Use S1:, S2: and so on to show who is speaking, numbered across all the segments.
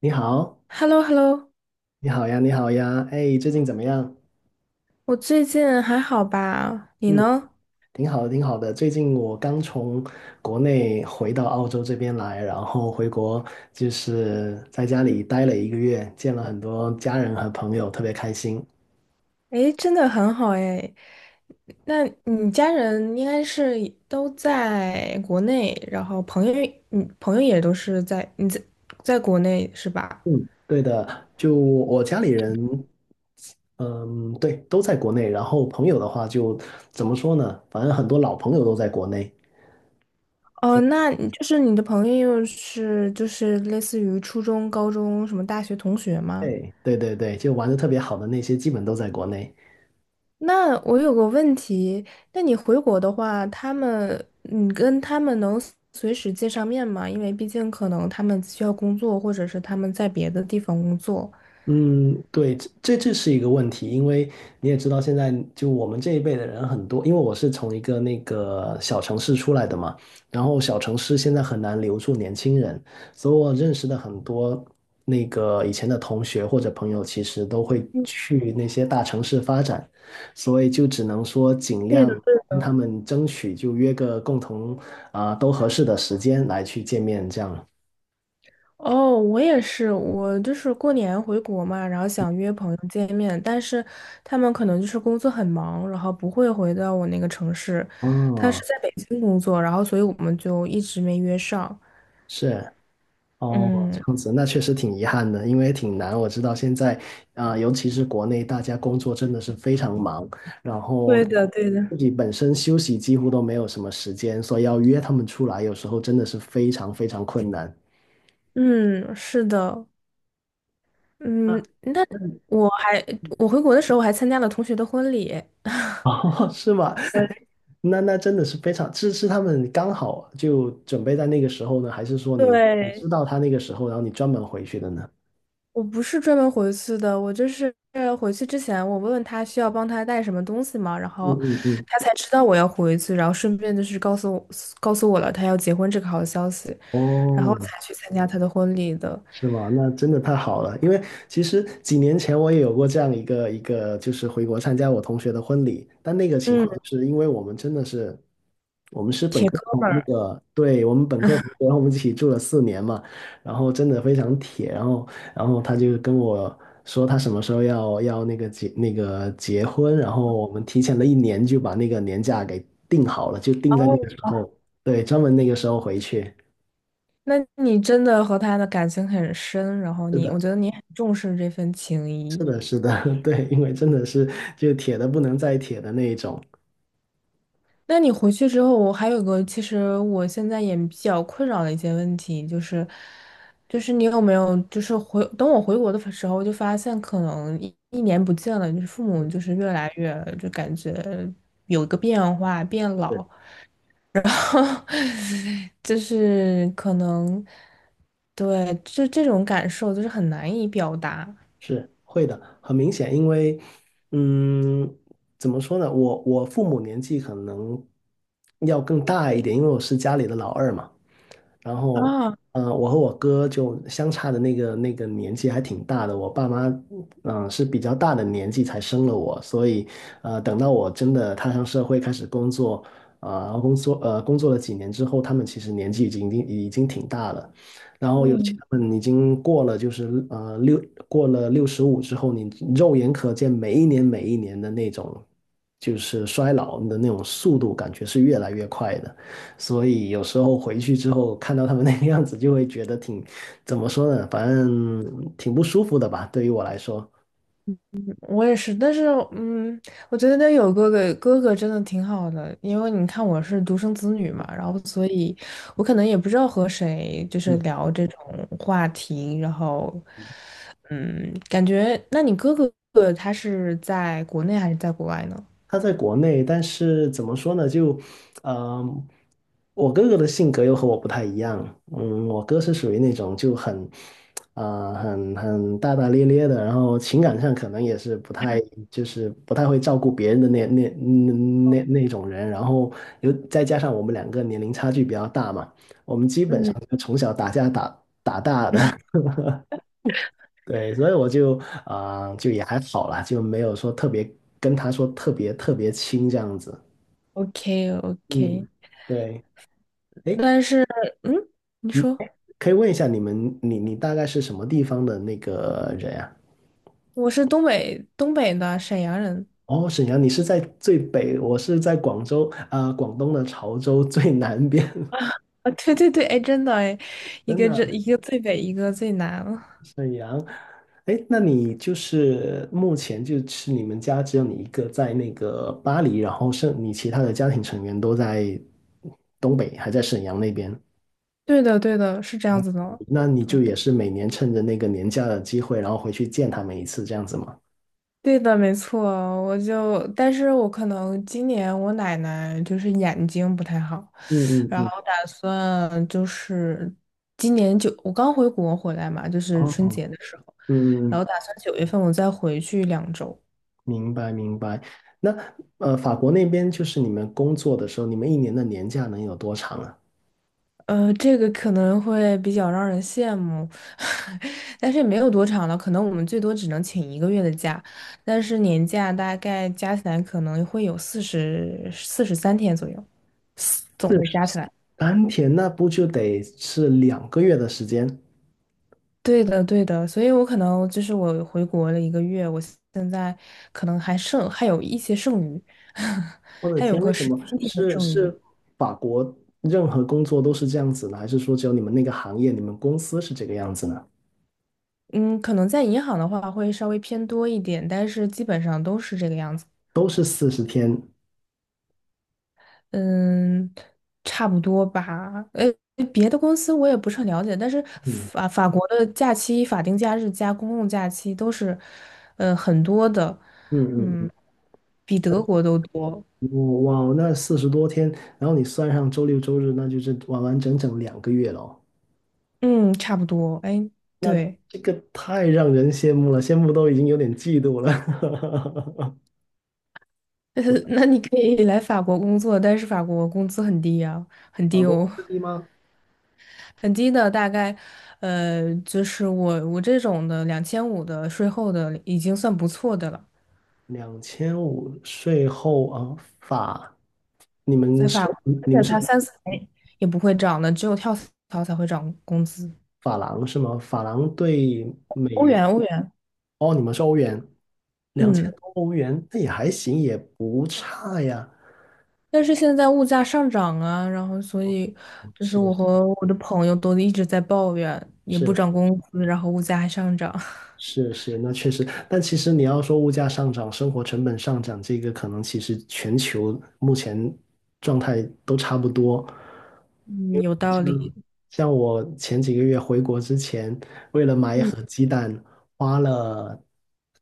S1: 你好，
S2: H e l l o, h e l l o.
S1: 你好呀，你好呀，哎，最近怎么样？
S2: 我最近还好吧？你
S1: 嗯，
S2: 呢？
S1: 挺好的，挺好的。最近我刚从国内回到澳洲这边来，然后回国就是在家里待了一个月，见了很多家人和朋友，特别开心。
S2: 诶，真的很好诶。那你家人应该是都在国内，然后朋友，你朋友也都是在你在在国内是吧？
S1: 嗯，对的，就我家里人，嗯，对，都在国内，然后朋友的话就怎么说呢？反正很多老朋友都在国内。
S2: 哦，那你就是你的朋友是就是类似于初中、高中什么大学同学吗？
S1: 对，对对对，就玩的特别好的那些，基本都在国内。
S2: 那我有个问题，那你回国的话，你跟他们能随时见上面吗？因为毕竟可能他们需要工作，或者是他们在别的地方工作。
S1: 嗯，对，这是一个问题，因为你也知道，现在就我们这一辈的人很多，因为我是从一个那个小城市出来的嘛，然后小城市现在很难留住年轻人，所以我认识的很多那个以前的同学或者朋友，其实都会去那些大城市发展，所以就只能说尽
S2: 对
S1: 量
S2: 的。
S1: 跟他们争取，就约个共同都合适的时间来去见面，这样。
S2: 哦，我也是，我就是过年回国嘛，然后想约朋友见面，但是他们可能就是工作很忙，然后不会回到我那个城市。他
S1: 哦，
S2: 是在北京工作，然后所以我们就一直没约上。
S1: 是。哦，这
S2: 嗯，
S1: 样子，那确实挺遗憾的，因为挺难。我知道现在，尤其是国内，大家工作真的是非常忙，然后
S2: 对的，对
S1: 自
S2: 的。
S1: 己本身休息几乎都没有什么时间，所以要约他们出来，有时候真的是非常非常困难。
S2: 嗯，是的。嗯，
S1: 啊，你，
S2: 我还我回国的时候，我还参加了同学的婚礼。我
S1: 哦，是吗？那真的是非常，是他们刚好就准备在那个时候呢，还是说你
S2: 对，
S1: 知道他那个时候，然后你专门回去的呢？
S2: 我不是专门回去的，我就是回去之前，我问问他需要帮他带什么东西嘛，然
S1: 嗯
S2: 后
S1: 嗯嗯。
S2: 他才知道我要回去，然后顺便就是告诉我了他要结婚这个好消息，然后
S1: 哦，
S2: 才去参加他的婚礼的。
S1: 是吗？那真的太好了，因为其实几年前我也有过这样一个，就是回国参加我同学的婚礼，但那个情
S2: 嗯，
S1: 况就是因为我们真的是，我们是本
S2: 铁
S1: 科
S2: 哥
S1: 同
S2: 们
S1: 那
S2: 儿。
S1: 个，对，我们本科同学，然后我们一起住了4年嘛，然后真的非常铁，然后他就跟我说他什么时候要那个结婚，然后我们提前了一年就把那个年假给定好了，就定在那个
S2: 哦，
S1: 时候，对，专门那个时候回去，
S2: 那你真的和他的感情很深，然后
S1: 是
S2: 你，我
S1: 的。
S2: 觉得你很重视这份情
S1: 是
S2: 谊。
S1: 的，是的，对，因为真的是就铁的不能再铁的那一种，
S2: 那你回去之后，我还有个，其实我现在也比较困扰的一些问题，就是，就是你有没有，就是回，等我回国的时候，就发现可能一年不见了，就是父母就是越来越，就感觉有一个变化，变老，
S1: 是
S2: 就是可能，对，就这种感受就是很难以表达
S1: 是会的，很明显，因为嗯，怎么说呢，我父母年纪可能要更大一点，因为我是家里的老二嘛。然后，
S2: 啊。
S1: 我和我哥就相差的那个年纪还挺大的，我爸妈，是比较大的年纪才生了我，所以，等到我真的踏上社会开始工作，工作了几年之后，他们其实年纪已经挺大了，然后尤其他们已经过了65之后，你肉眼可见每一年每一年的那种就是衰老的那种速度，感觉是越来越快的。所以有时候回去之后看到他们那个样子，就会觉得挺，怎么说呢，反正挺不舒服的吧，对于我来说。
S2: 我也是，但是嗯，我觉得那有哥哥，哥哥真的挺好的，因为你看我是独生子女嘛，然后所以我可能也不知道和谁就是
S1: 嗯，
S2: 聊这种话题，然后嗯，感觉那你哥哥他是在国内还是在国外呢？
S1: 他在国内，但是怎么说呢，就，嗯、我哥哥的性格又和我不太一样，嗯，我哥是属于那种就很，大大咧咧的，然后情感上可能也是不太，就是不太会照顾别人的那种人，然后又再加上我们两个年龄差距比较大嘛，我们基本上
S2: 嗯
S1: 就从小打架打打大的，对，所以我就也还好啦，就没有说特别跟他说特别特别亲这样子，
S2: ，OK OK,
S1: 嗯，对。诶
S2: 但是嗯，你说
S1: 可以问一下你们，你大概是什么地方的那个人呀？
S2: 我是东北东北的沈阳人
S1: 哦，沈阳，你是在最北，我是在广州广东的潮州最南边。
S2: 啊，对对对，哎，真的哎，
S1: 真的，
S2: 一个最北，一个最南。
S1: 沈阳，哎，那你就是目前就是你们家只有你一个在那个巴黎，然后剩你其他的家庭成员都在东北，还在沈阳那边，
S2: 对的，对的，是这样子的。
S1: 那你就也是每年趁着那个年假的机会，然后回去见他们一次，这样子吗？
S2: 对的，没错，我就，但是我可能今年我奶奶就是眼睛不太好，
S1: 嗯嗯
S2: 然
S1: 嗯，
S2: 后打算就是今年九，我刚回国回来嘛，就是
S1: 哦，
S2: 春
S1: 嗯
S2: 节的时候，
S1: 嗯
S2: 然
S1: 嗯。
S2: 后打算9月份我再回去2周，
S1: 明白明白。那法国那边就是你们工作的时候，你们一年的年假能有多长啊？
S2: 呃，这个可能会比较让人羡慕，但是也没有多长了，可能我们最多只能请一个月的假，但是年假大概加起来可能会有43天左右，
S1: 四
S2: 总的
S1: 十
S2: 加起来。
S1: 三天，那不就得是两个月的时间？
S2: 对的，对的，所以我可能就是我回国了一个月，我现在可能还有一些剩余，
S1: 我的
S2: 还有
S1: 天，
S2: 个
S1: 为什
S2: 十
S1: 么
S2: 七天的
S1: 是
S2: 剩余。
S1: 是法国任何工作都是这样子呢？还是说只有你们那个行业、你们公司是这个样子呢？
S2: 嗯，可能在银行的话会稍微偏多一点，但是基本上都是这个样子。
S1: 都是40天，
S2: 嗯，差不多吧。呃，别的公司我也不是很了解，但是
S1: 嗯
S2: 法国的假期、法定假日加公共假期都是，呃，很多的，
S1: 嗯嗯，
S2: 嗯，比德国都多。
S1: 嗯哇，哇那40多天，然后你算上周六周日，那就是完完整整两个月了哦。
S2: 嗯，差不多。哎，
S1: 那
S2: 对，
S1: 这个太让人羡慕了，羡慕都已经有点嫉妒了。
S2: 那你可以来法国工作，但是法国工资很低啊，很
S1: 法
S2: 低
S1: 国工
S2: 哦，
S1: 资低吗？
S2: 很低的，大概，呃，就是我这种的2500的税后的已经算不错的了。
S1: 2500税后啊，你们
S2: 在
S1: 是
S2: 法国，而
S1: 你们
S2: 且
S1: 是
S2: 它三四年也不会涨的，只有跳槽才会涨工资。
S1: 法郎是吗？法郎对美
S2: 欧
S1: 元，
S2: 元，欧元，
S1: 哦，你们是欧元，两千
S2: 嗯。
S1: 多欧元，那也还行，也不差呀。
S2: 但是现在物价上涨啊，然后所以就是我
S1: 是
S2: 和我的朋友都一直在抱怨，也不
S1: 是
S2: 涨工资，然后物价还上涨。
S1: 是是，那确实。但其实你要说物价上涨、生活成本上涨，这个可能其实全球目前状态都差不多。
S2: 嗯，有道理。
S1: 像我前几个月回国之前，为了买一
S2: 嗯，
S1: 盒鸡蛋，花了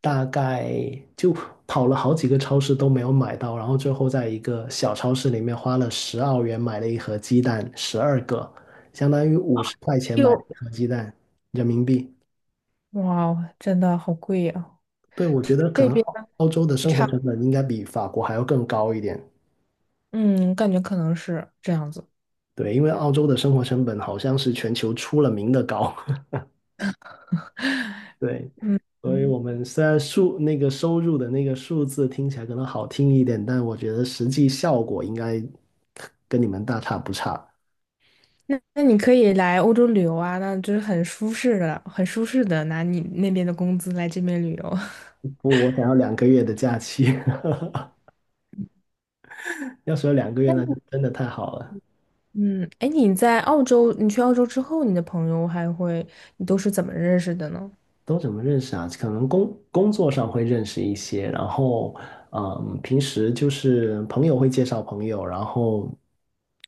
S1: 大概就跑了好几个超市都没有买到，然后最后在一个小超市里面花了10澳元买了一盒鸡蛋，12个，相当于50块钱买了
S2: 又
S1: 一盒鸡蛋，人民币。
S2: 哇哦真的好贵呀、
S1: 对，我觉得可
S2: 这
S1: 能
S2: 边
S1: 澳洲的
S2: 也
S1: 生活
S2: 差，
S1: 成本应该比法国还要更高一点。
S2: 嗯，感觉可能是这样子。
S1: 对，因为澳洲的生活成本好像是全球出了名的高。对，
S2: 嗯。
S1: 所以
S2: 嗯，
S1: 我们虽然数那个收入的那个数字听起来可能好听一点，但我觉得实际效果应该跟你们大差不差。
S2: 那那你可以来欧洲旅游啊，那就是很舒适的，很舒适的拿你那边的工资来这边旅游。
S1: 不，我想要两个月的假期，要是有2个月那就真的太好了。
S2: 嗯，哎，你在澳洲，你去澳洲之后，你的朋友还会，你都是怎么认识的呢？
S1: 都怎么认识啊？可能工作上会认识一些，然后嗯，平时就是朋友会介绍朋友，然后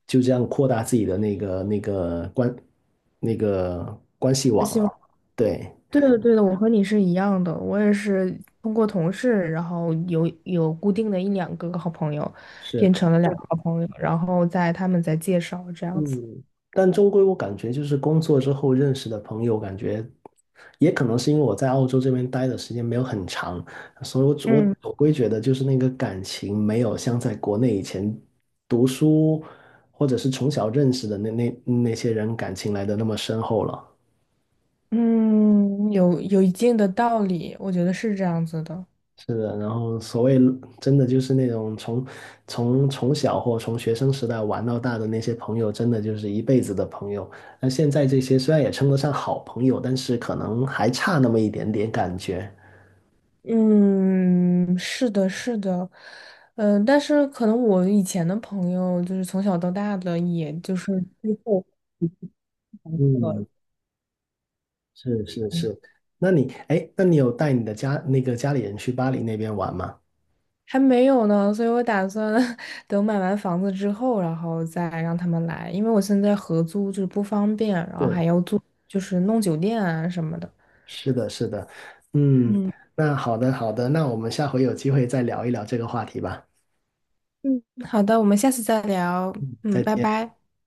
S1: 就这样扩大自己的那个那个关那个关系
S2: 我
S1: 网
S2: 希望
S1: 了。对。
S2: 对的对的，我和你是一样的，我也是通过同事，然后有固定的一两个好朋友，
S1: 是。
S2: 变成了两个好朋友，然后在他们在介绍这样子。
S1: 嗯，但终归我感觉就是工作之后认识的朋友，感觉也可能是因为我在澳洲这边待的时间没有很长，所以我
S2: 嗯
S1: 总归觉得就是那个感情没有像在国内以前读书或者是从小认识的那些人感情来的那么深厚了。
S2: 嗯，有一定的道理，我觉得是这样子的。
S1: 是的，然后所谓真的就是那种从小或从学生时代玩到大的那些朋友，真的就是一辈子的朋友。那现在这些虽然也称得上好朋友，但是可能还差那么一点点感觉。
S2: 嗯，是的，是的，嗯、但是可能我以前的朋友就是从小到大的，也就是
S1: 嗯，是是是。那你有带你的家那个家里人去巴黎那边玩吗？
S2: 还没有呢，所以我打算 等买完房子之后，然后再让他们来，因为我现在合租就是不方便，然后
S1: 是
S2: 还要住，就是弄酒店啊什么的。
S1: 是的，是的，嗯，
S2: 嗯。
S1: 那好的好的，那我们下回有机会再聊一聊这个话题吧。
S2: 嗯，好的，我们下次再聊，
S1: 再
S2: 嗯，拜
S1: 见。
S2: 拜。